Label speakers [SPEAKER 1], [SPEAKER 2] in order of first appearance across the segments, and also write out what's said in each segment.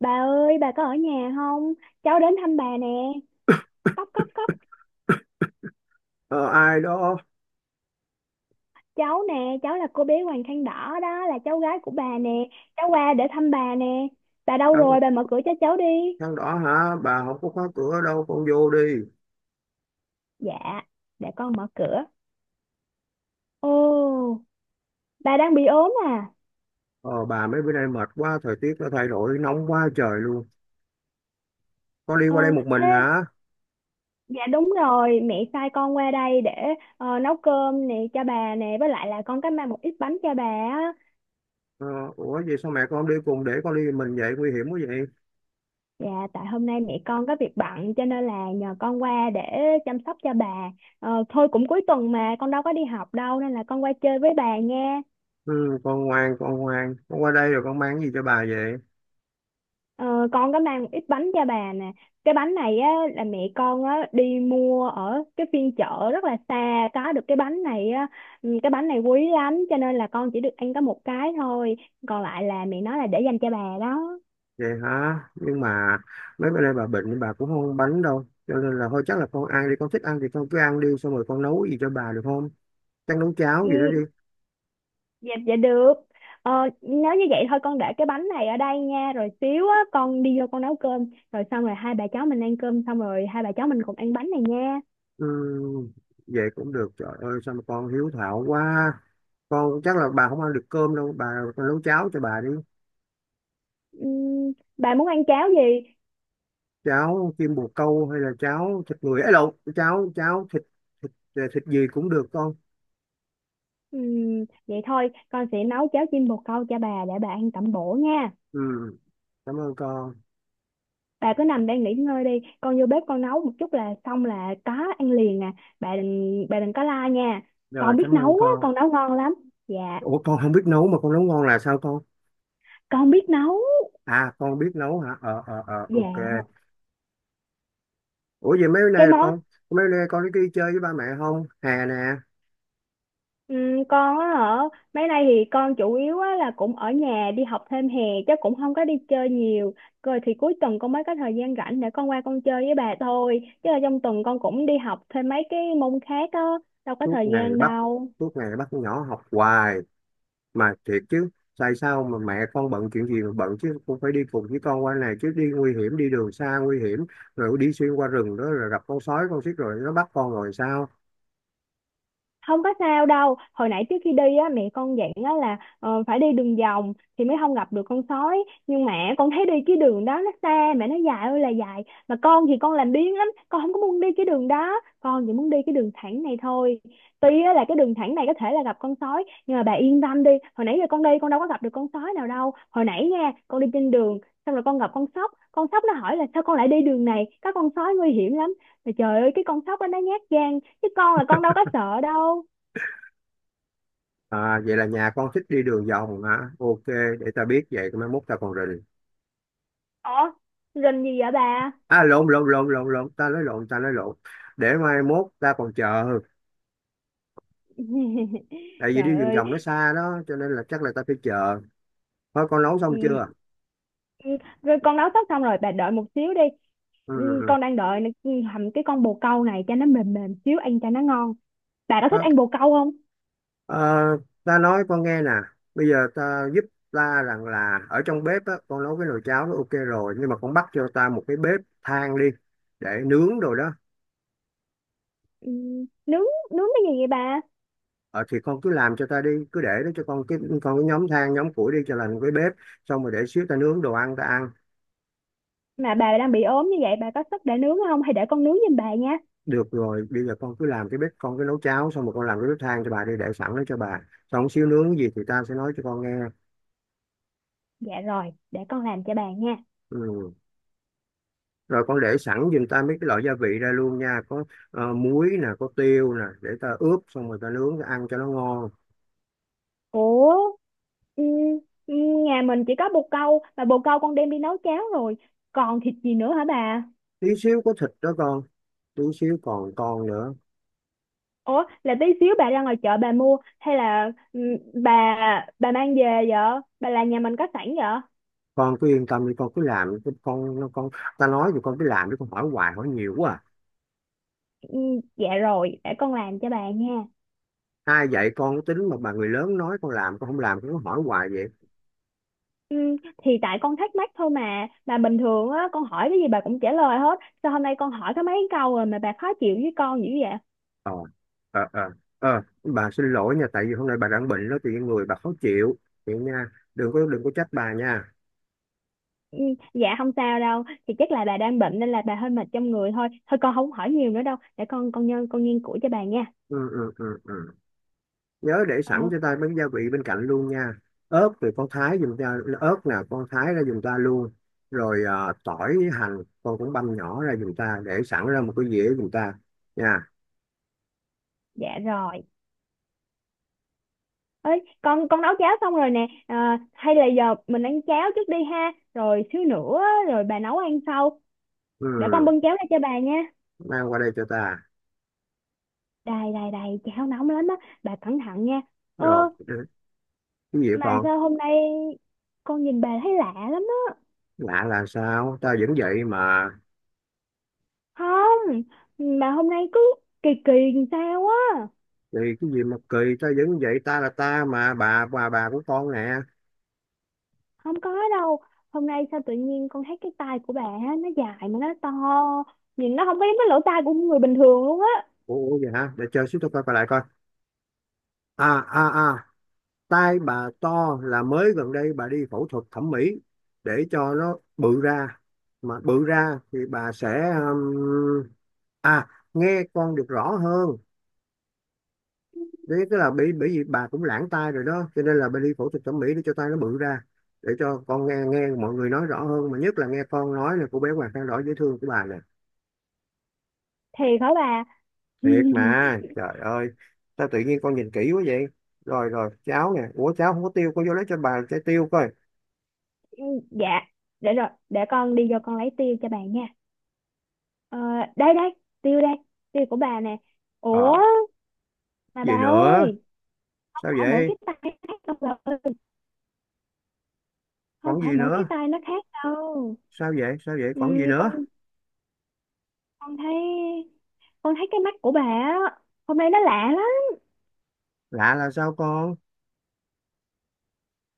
[SPEAKER 1] Bà ơi, bà có ở nhà không? Cháu đến thăm bà nè. Cốc cốc cốc,
[SPEAKER 2] Ờ, ai đó?
[SPEAKER 1] cháu nè, cháu là cô bé Hoàng khăn đỏ đó, là cháu gái của bà nè. Cháu qua để thăm bà nè. Bà đâu
[SPEAKER 2] thằng
[SPEAKER 1] rồi? Bà mở cửa cho cháu đi.
[SPEAKER 2] thằng đó hả? Bà không có khóa cửa đâu, con vô đi.
[SPEAKER 1] Dạ, để con mở cửa. Ồ, bà đang bị ốm à?
[SPEAKER 2] Ờ, bà mấy bữa nay mệt quá, thời tiết nó thay đổi nóng quá trời luôn. Con đi
[SPEAKER 1] Ờ,
[SPEAKER 2] qua đây một mình
[SPEAKER 1] thế,
[SPEAKER 2] hả?
[SPEAKER 1] dạ đúng rồi, mẹ sai con qua đây để nấu cơm nè cho bà nè, với lại là con có mang một ít bánh cho bà á.
[SPEAKER 2] Ờ, ủa vậy sao mẹ con không đi cùng để con đi một mình vậy, nguy hiểm quá vậy.
[SPEAKER 1] Dạ, tại hôm nay mẹ con có việc bận cho nên là nhờ con qua để chăm sóc cho bà. Ờ, thôi cũng cuối tuần mà con đâu có đi học đâu nên là con qua chơi với bà nha.
[SPEAKER 2] Ừ, con ngoan con ngoan, con qua đây rồi con mang cái gì cho bà vậy?
[SPEAKER 1] Ờ, con có mang một ít bánh cho bà nè. Cái bánh này á, là mẹ con á, đi mua ở cái phiên chợ rất là xa có được cái bánh này á. Ừ, cái bánh này quý lắm cho nên là con chỉ được ăn có một cái thôi. Còn lại là mẹ nói là để dành cho bà đó.
[SPEAKER 2] Vậy hả, nhưng mà mấy bữa nay bà bệnh, bà cũng không ăn bánh đâu, cho nên là thôi chắc là con ăn đi, con thích ăn thì con cứ ăn đi, xong rồi con nấu gì cho bà được không? Chắc nấu cháo
[SPEAKER 1] Ừ,
[SPEAKER 2] gì đó đi.
[SPEAKER 1] dạ, dạ được. Ờ, nếu như vậy thôi con để cái bánh này ở đây nha. Rồi xíu á, con đi vô con nấu cơm. Rồi xong rồi hai bà cháu mình ăn cơm xong rồi hai bà cháu mình cùng ăn bánh này nha.
[SPEAKER 2] Ừ, vậy cũng được, trời ơi sao mà con hiếu thảo quá. Con chắc là bà không ăn được cơm đâu bà, con nấu cháo cho bà đi.
[SPEAKER 1] Bà muốn ăn cháo gì?
[SPEAKER 2] Cháo kim bồ câu hay là cháo thịt người ấy, lộn, cháo cháo thịt thịt, thịt gì cũng được con.
[SPEAKER 1] Vậy thôi, con sẽ nấu cháo chim bồ câu cho bà để bà ăn tẩm bổ nha.
[SPEAKER 2] Ừ, cảm ơn con.
[SPEAKER 1] Bà cứ nằm đây nghỉ ngơi đi. Con vô bếp con nấu một chút là xong là có ăn liền à. Bà đừng có la nha.
[SPEAKER 2] Rồi
[SPEAKER 1] Con biết
[SPEAKER 2] cảm
[SPEAKER 1] nấu
[SPEAKER 2] ơn
[SPEAKER 1] á,
[SPEAKER 2] con.
[SPEAKER 1] con nấu ngon lắm. Dạ,
[SPEAKER 2] Ủa con không biết nấu mà con nấu ngon là sao con?
[SPEAKER 1] con biết nấu.
[SPEAKER 2] À con biết nấu hả? Ờ ờ ờ ok.
[SPEAKER 1] Dạ.
[SPEAKER 2] Ủa vậy mấy bữa
[SPEAKER 1] Cái
[SPEAKER 2] nay là
[SPEAKER 1] món
[SPEAKER 2] con, mấy bữa nay con có đi chơi với ba mẹ không hè nè?
[SPEAKER 1] Ừ, con á hả? Mấy nay thì con chủ yếu á là cũng ở nhà đi học thêm hè, chứ cũng không có đi chơi nhiều. Rồi thì cuối tuần con mới có thời gian rảnh để con qua con chơi với bà thôi, chứ là trong tuần con cũng đi học thêm mấy cái môn khác á, đâu có
[SPEAKER 2] suốt
[SPEAKER 1] thời
[SPEAKER 2] ngày
[SPEAKER 1] gian
[SPEAKER 2] bắt
[SPEAKER 1] đâu.
[SPEAKER 2] Suốt ngày bắt con nhỏ học hoài. Mà thiệt chứ, tại sao mà mẹ con bận chuyện gì mà bận chứ, cũng phải đi cùng với con qua này chứ, đi nguy hiểm, đi đường xa nguy hiểm, rồi đi xuyên qua rừng đó rồi gặp con sói con xích rồi nó bắt con rồi sao?
[SPEAKER 1] Không có sao đâu, hồi nãy trước khi đi á mẹ con dặn á là phải đi đường vòng thì mới không gặp được con sói, nhưng mà con thấy đi cái đường đó nó xa mẹ, nó dài ơi là dài, mà con thì con làm biếng lắm, con không có muốn đi cái đường đó, con chỉ muốn đi cái đường thẳng này thôi. Tuy á là cái đường thẳng này có thể là gặp con sói, nhưng mà bà yên tâm đi, hồi nãy giờ con đi con đâu có gặp được con sói nào đâu. Hồi nãy nha, con đi trên đường xong rồi con gặp con sóc, con sóc nó hỏi là sao con lại đi đường này, có con sói nguy hiểm lắm. Mà trời ơi, cái con sóc đó nó nhát gan chứ con là con đâu có sợ đâu.
[SPEAKER 2] À, vậy là nhà con thích đi đường vòng hả? Ok, để ta biết vậy mai mốt ta còn rình.
[SPEAKER 1] Ủa, rình gì vậy bà?
[SPEAKER 2] À lộn lộn lộn lộn lộn, ta nói lộn, ta nói lộn, để mai mốt ta còn chờ. Tại vì đi
[SPEAKER 1] Trời
[SPEAKER 2] đường
[SPEAKER 1] ơi.
[SPEAKER 2] vòng nó xa đó, cho nên là chắc là ta phải chờ. Thôi con nấu xong chưa?
[SPEAKER 1] Ừ, ừ, rồi con nấu sắp xong rồi, bà đợi một xíu đi. Ừ,
[SPEAKER 2] Ừ,
[SPEAKER 1] con đang đợi hầm cái con bồ câu này cho nó mềm mềm xíu ăn cho nó ngon. Bà có
[SPEAKER 2] ừ.
[SPEAKER 1] thích ăn bồ câu không?
[SPEAKER 2] Ờ, ta nói con nghe nè, bây giờ ta giúp, ta rằng là ở trong bếp á, con nấu cái nồi cháo nó ok rồi nhưng mà con bắt cho ta một cái bếp than đi để nướng rồi đó.
[SPEAKER 1] Ừ, nướng nướng cái gì vậy bà?
[SPEAKER 2] Ờ, thì con cứ làm cho ta đi, cứ để đó cho con cái nhóm than nhóm củi đi cho làm cái bếp, xong rồi để xíu ta nướng đồ ăn ta ăn.
[SPEAKER 1] Mà bà đang bị ốm như vậy bà có sức để nướng không hay để con nướng giùm bà nha?
[SPEAKER 2] Được rồi, bây giờ con cứ làm cái bếp, con cứ nấu cháo xong rồi con làm cái bếp than cho bà đi để sẵn đó cho bà, xong xíu nướng gì thì ta sẽ nói cho con nghe.
[SPEAKER 1] Dạ rồi, để con làm cho bà nha.
[SPEAKER 2] Ừ. Rồi con để sẵn giùm ta mấy cái loại gia vị ra luôn nha, có muối nè, có tiêu nè, để ta ướp xong rồi ta nướng ta ăn cho nó ngon.
[SPEAKER 1] Ủa, ừ, ừ, nhà mình chỉ có bồ câu mà bồ câu con đem đi nấu cháo rồi, còn thịt gì nữa hả bà?
[SPEAKER 2] Tí xíu có thịt đó con, tí xíu còn con nữa.
[SPEAKER 1] Ủa là tí xíu bà ra ngoài chợ bà mua hay là bà mang về vợ? Bà làm nhà mình có sẵn vợ?
[SPEAKER 2] Con cứ yên tâm đi, con cứ làm đi, con nó con, ta nói thì con cứ làm chứ con hỏi hoài hỏi nhiều quá à.
[SPEAKER 1] Dạ rồi, để con làm cho bà nha.
[SPEAKER 2] Ai dạy con cái tính mà bà người lớn nói con làm con không làm con cứ hỏi hoài vậy?
[SPEAKER 1] Ừ, thì tại con thắc mắc thôi mà bình thường á con hỏi cái gì bà cũng trả lời hết, sao hôm nay con hỏi có mấy câu rồi mà bà khó chịu với con dữ vậy?
[SPEAKER 2] Ờ ờ ờ ờ, bà xin lỗi nha, tại vì hôm nay bà đang bệnh đó thì người bà khó chịu vậy nha, đừng có trách bà nha.
[SPEAKER 1] Ừ, dạ không sao đâu. Thì chắc là bà đang bệnh nên là bà hơi mệt trong người thôi. Thôi con không hỏi nhiều nữa đâu, để con nghiên cứu cho bà nha.
[SPEAKER 2] Ừ ừ ừ ừ, nhớ để sẵn
[SPEAKER 1] ờ,
[SPEAKER 2] cho ta bánh gia vị bên cạnh luôn nha. Ớt thì con thái giùm ta, ớt nào con thái ra giùm ta luôn. Rồi à, tỏi hành con cũng băm nhỏ ra giùm ta để sẵn ra một cái dĩa giùm ta nha.
[SPEAKER 1] dạ rồi. Ơi, con nấu cháo xong rồi nè, à hay là giờ mình ăn cháo trước đi ha, rồi xíu nữa á, rồi bà nấu ăn sau. Để
[SPEAKER 2] Ừ,
[SPEAKER 1] con bưng cháo ra cho bà nha.
[SPEAKER 2] mang qua đây cho ta.
[SPEAKER 1] Đầy đầy đầy, cháo nóng lắm á, bà cẩn thận nha. Ơ.
[SPEAKER 2] Rồi ừ, cái gì
[SPEAKER 1] Mà
[SPEAKER 2] còn?
[SPEAKER 1] sao hôm nay con nhìn bà thấy lạ lắm á.
[SPEAKER 2] Lạ là sao? Ta vẫn vậy mà.
[SPEAKER 1] Không, mà hôm nay cứ kỳ kỳ làm sao á.
[SPEAKER 2] Thì cái gì mà kỳ, ta vẫn vậy, ta là ta mà, bà bà của con nè.
[SPEAKER 1] Không có đâu. Hôm nay sao tự nhiên con thấy cái tay của bà á, nó dài mà nó to, nhìn nó không có giống cái lỗ tai của người bình thường luôn á.
[SPEAKER 2] Ủa ủa vậy hả, để chơi xíu tôi coi coi lại coi. À à à, tai bà to là mới gần đây bà đi phẫu thuật thẩm mỹ để cho nó bự ra. Mà bự ra thì bà sẽ um, à nghe con được rõ hơn. Đấy, tức là bị bởi vì bà cũng lãng tai rồi đó cho nên là bà đi phẫu thuật thẩm mỹ để cho tai nó bự ra, để cho con nghe nghe mọi người nói rõ hơn, mà nhất là nghe con nói, là cô bé Hoàng Khang Đỏ dễ thương của bà nè.
[SPEAKER 1] Thiệt hả bà?
[SPEAKER 2] Thiệt mà trời ơi, sao tự nhiên con nhìn kỹ quá vậy. Rồi rồi cháo nè, ủa cháo không có tiêu, con vô lấy cho bà trái tiêu coi.
[SPEAKER 1] Ừ, dạ. Để rồi, để con đi vô con lấy tiêu cho bà nha. ờ, Đây đây, tiêu đây, tiêu của bà nè. Ủa,
[SPEAKER 2] Ờ,
[SPEAKER 1] mà bà
[SPEAKER 2] gì nữa?
[SPEAKER 1] ơi, không
[SPEAKER 2] Sao
[SPEAKER 1] phải mỗi cái
[SPEAKER 2] vậy?
[SPEAKER 1] tay nó khác đâu bà. Không
[SPEAKER 2] Còn
[SPEAKER 1] phải
[SPEAKER 2] gì
[SPEAKER 1] mỗi cái
[SPEAKER 2] nữa?
[SPEAKER 1] tay nó khác đâu.
[SPEAKER 2] Sao vậy, sao vậy,
[SPEAKER 1] Ừ,
[SPEAKER 2] còn gì
[SPEAKER 1] con
[SPEAKER 2] nữa?
[SPEAKER 1] con thấy con thấy cái mắt của bà á, hôm nay nó lạ lắm.
[SPEAKER 2] Lạ là sao con?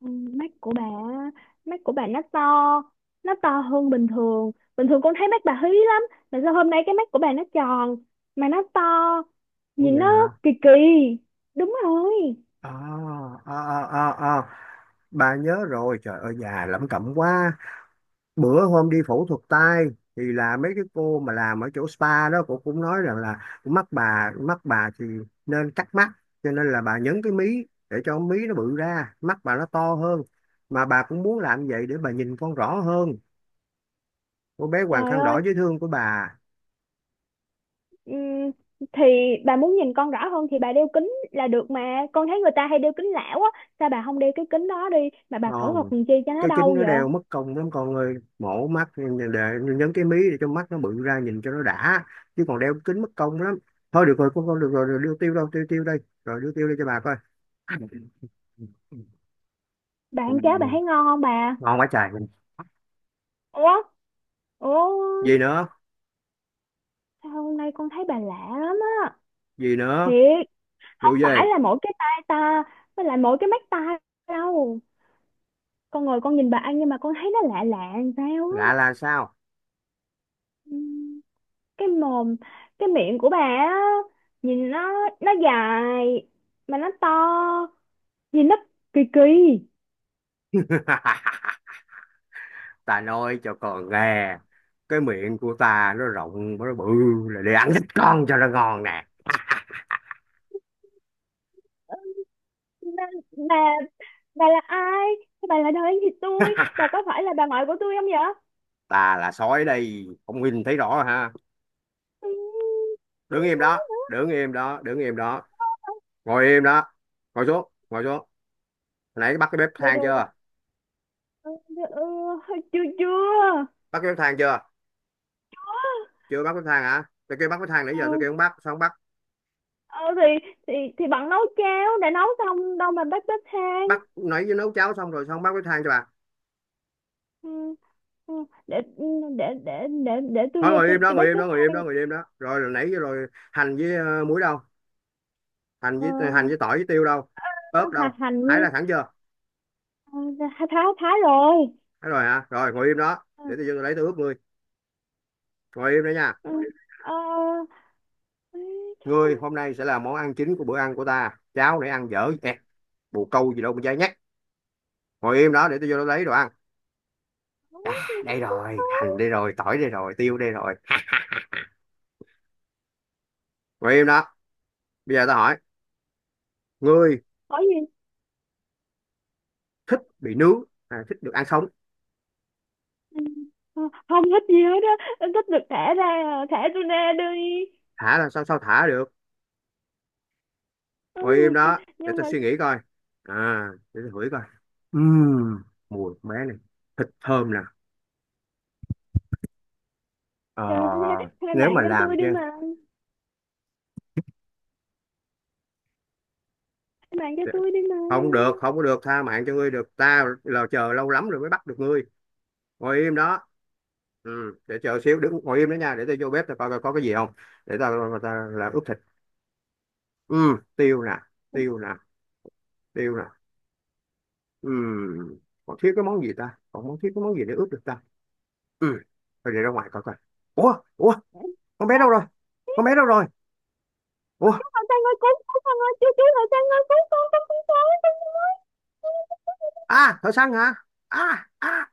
[SPEAKER 1] Ừ, mắt của bà á, mắt của bà nó to, nó to hơn bình thường. Bình thường con thấy mắt bà hí lắm, mà sao hôm nay cái mắt của bà nó tròn mà nó to,
[SPEAKER 2] Ủa
[SPEAKER 1] nhìn
[SPEAKER 2] vậy
[SPEAKER 1] nó
[SPEAKER 2] hả.
[SPEAKER 1] kỳ kỳ. Đúng rồi.
[SPEAKER 2] À, à, à, à, à, bà nhớ rồi, trời ơi già lẩm cẩm quá. Bữa hôm đi phẫu thuật tai thì là mấy cái cô mà làm ở chỗ spa đó, cô cũng nói rằng là mắt bà, thì nên cắt mắt, cho nên là bà nhấn cái mí để cho mí nó bự ra mắt bà nó to hơn. Mà bà cũng muốn làm vậy để bà nhìn con rõ hơn, cô bé Hoàng
[SPEAKER 1] Trời
[SPEAKER 2] Khăn
[SPEAKER 1] ơi.
[SPEAKER 2] Đỏ dễ thương của bà.
[SPEAKER 1] Ừm, thì bà muốn nhìn con rõ hơn thì bà đeo kính là được mà, con thấy người ta hay đeo kính lão á, sao bà không đeo cái kính đó đi, mà bà phẫu thuật
[SPEAKER 2] Không,
[SPEAKER 1] làm chi cho nó
[SPEAKER 2] cái
[SPEAKER 1] đau
[SPEAKER 2] kính nó
[SPEAKER 1] vậy?
[SPEAKER 2] đeo mất công lắm con ơi, mổ mắt để nhấn cái mí để cho mắt nó bự ra nhìn cho nó đã, chứ còn đeo kính mất công lắm. Thôi được rồi con, được rồi, rồi đưa tiêu đâu? Tiêu tiêu đây, rồi đưa tiêu đi cho bà coi.
[SPEAKER 1] Bà ăn cháo bà thấy ngon không bà?
[SPEAKER 2] Ngon quá trời.
[SPEAKER 1] Ủa, ủa,
[SPEAKER 2] Gì nữa?
[SPEAKER 1] sao hôm nay con thấy bà lạ lắm á.
[SPEAKER 2] Gì nữa?
[SPEAKER 1] Thiệt. Không
[SPEAKER 2] Vụ gì?
[SPEAKER 1] phải là mỗi cái tai ta, với lại mỗi cái mắt ta đâu. Con ngồi con nhìn bà ăn nhưng mà con thấy nó lạ lạ làm sao
[SPEAKER 2] Lạ
[SPEAKER 1] á.
[SPEAKER 2] là sao?
[SPEAKER 1] Ừm, cái mồm cái miệng của bà á, nhìn nó dài mà nó to, nhìn nấp kỳ kỳ.
[SPEAKER 2] Ta nói cho con nghe, cái miệng của ta nó rộng nó bự là để ăn thịt con cho nó ngon nè.
[SPEAKER 1] Ừ, bà bà bà là ai? Sao bà là đời thì tôi? Bà có phải là bà ngoại của tôi không vậy?
[SPEAKER 2] Ta là sói đây, không nhìn thấy rõ ha?
[SPEAKER 1] Ừ,
[SPEAKER 2] Đứng
[SPEAKER 1] không
[SPEAKER 2] im
[SPEAKER 1] nói
[SPEAKER 2] đó,
[SPEAKER 1] nữa.
[SPEAKER 2] đứng im đó, đứng im đó, ngồi im đó, ngồi xuống ngồi xuống, hồi nãy bắt cái bếp
[SPEAKER 1] Rồi
[SPEAKER 2] than
[SPEAKER 1] rồi.
[SPEAKER 2] chưa?
[SPEAKER 1] Ừ, ừ, chưa chưa.
[SPEAKER 2] Bắt cái bếp than chưa? Chưa bắt bếp than hả? Tôi kêu bắt bếp than nãy giờ tôi
[SPEAKER 1] ừ,
[SPEAKER 2] kêu không bắt, sao không bắt?
[SPEAKER 1] ờ, thì thì thì bạn nấu cháo đã nấu xong đâu mà bếp bếp than?
[SPEAKER 2] Bắt nãy với nấu cháo xong rồi sao không bắt bếp than cho bà?
[SPEAKER 1] Ừ, ừ, để ừ, để để để tôi
[SPEAKER 2] Thôi
[SPEAKER 1] vô
[SPEAKER 2] ngồi im
[SPEAKER 1] tôi
[SPEAKER 2] đó,
[SPEAKER 1] tôi
[SPEAKER 2] ngồi
[SPEAKER 1] bếp
[SPEAKER 2] im
[SPEAKER 1] bếp
[SPEAKER 2] đó, ngồi im
[SPEAKER 1] than.
[SPEAKER 2] đó, ngồi im đó, rồi rồi nãy rồi. Hành với muối đâu? Hành
[SPEAKER 1] ờ,
[SPEAKER 2] với hành với tỏi với tiêu đâu?
[SPEAKER 1] ờ,
[SPEAKER 2] Ớt đâu?
[SPEAKER 1] hà hành
[SPEAKER 2] Hái
[SPEAKER 1] như.
[SPEAKER 2] ra sẵn chưa?
[SPEAKER 1] Ờ, thái thái thái rồi.
[SPEAKER 2] Hái rồi hả? Rồi ngồi im đó
[SPEAKER 1] Ừ,
[SPEAKER 2] để tôi lấy tôi ướp ngươi. Ngồi im đó nha.
[SPEAKER 1] ừ, ờ, ê, chết
[SPEAKER 2] Ngươi
[SPEAKER 1] rồi.
[SPEAKER 2] hôm nay sẽ là món ăn chính của bữa ăn của ta, cháo nãy ăn dở ẹt, bồ câu gì đâu mà dai nhắc. Ngồi im đó để tôi vô đó lấy đồ ăn.
[SPEAKER 1] Đúng,
[SPEAKER 2] À,
[SPEAKER 1] đúng,
[SPEAKER 2] đây
[SPEAKER 1] đúng, đúng.
[SPEAKER 2] rồi, hành đây rồi, tỏi đây rồi, tiêu đây rồi. Ngồi im đó. Bây giờ tao hỏi ngươi,
[SPEAKER 1] Có gì?
[SPEAKER 2] thích bị nướng hay thích được ăn sống?
[SPEAKER 1] Ừ. Ờ, Không thích gì hết á. Em thích được thả ra à, thả tôi ra đi.
[SPEAKER 2] Thả là sao? Sao thả được?
[SPEAKER 1] Ừ.
[SPEAKER 2] Ngồi im đó để
[SPEAKER 1] Nhưng
[SPEAKER 2] tao
[SPEAKER 1] mà
[SPEAKER 2] suy nghĩ coi. À để tao hửi coi. Ừm, mùi con bé này thịt thơm nè. Ờ,
[SPEAKER 1] trời ơi, hai hai
[SPEAKER 2] nếu
[SPEAKER 1] bạn
[SPEAKER 2] mà
[SPEAKER 1] cho
[SPEAKER 2] làm
[SPEAKER 1] tôi
[SPEAKER 2] chứ,
[SPEAKER 1] đi mà, hai bạn cho tôi đi mà.
[SPEAKER 2] không được, không có được, tha mạng cho ngươi được, ta là chờ lâu lắm rồi mới bắt được ngươi. Ngồi im đó. Ừ, để chờ xíu, đứng ngồi im đó nha, để tao vô bếp tao coi coi có cái gì không. Để tao, tao là ướp. Ừ, tiêu nè, tiêu nè, tiêu nè. Ừ, còn thiếu cái món gì, ta còn món thiếu cái món gì để ướp được ta. Ừ, thôi để ra ngoài coi coi. Ủa ủa, con bé
[SPEAKER 1] Ơ,
[SPEAKER 2] đâu rồi?
[SPEAKER 1] ý,
[SPEAKER 2] Con bé đâu rồi? Ủa,
[SPEAKER 1] Hoàng Sang ơi, cứu cứu, Hoàng ơi, chú Hoàng Sang ơi, cứu con, con con không sao.
[SPEAKER 2] à thợ săn hả? À à.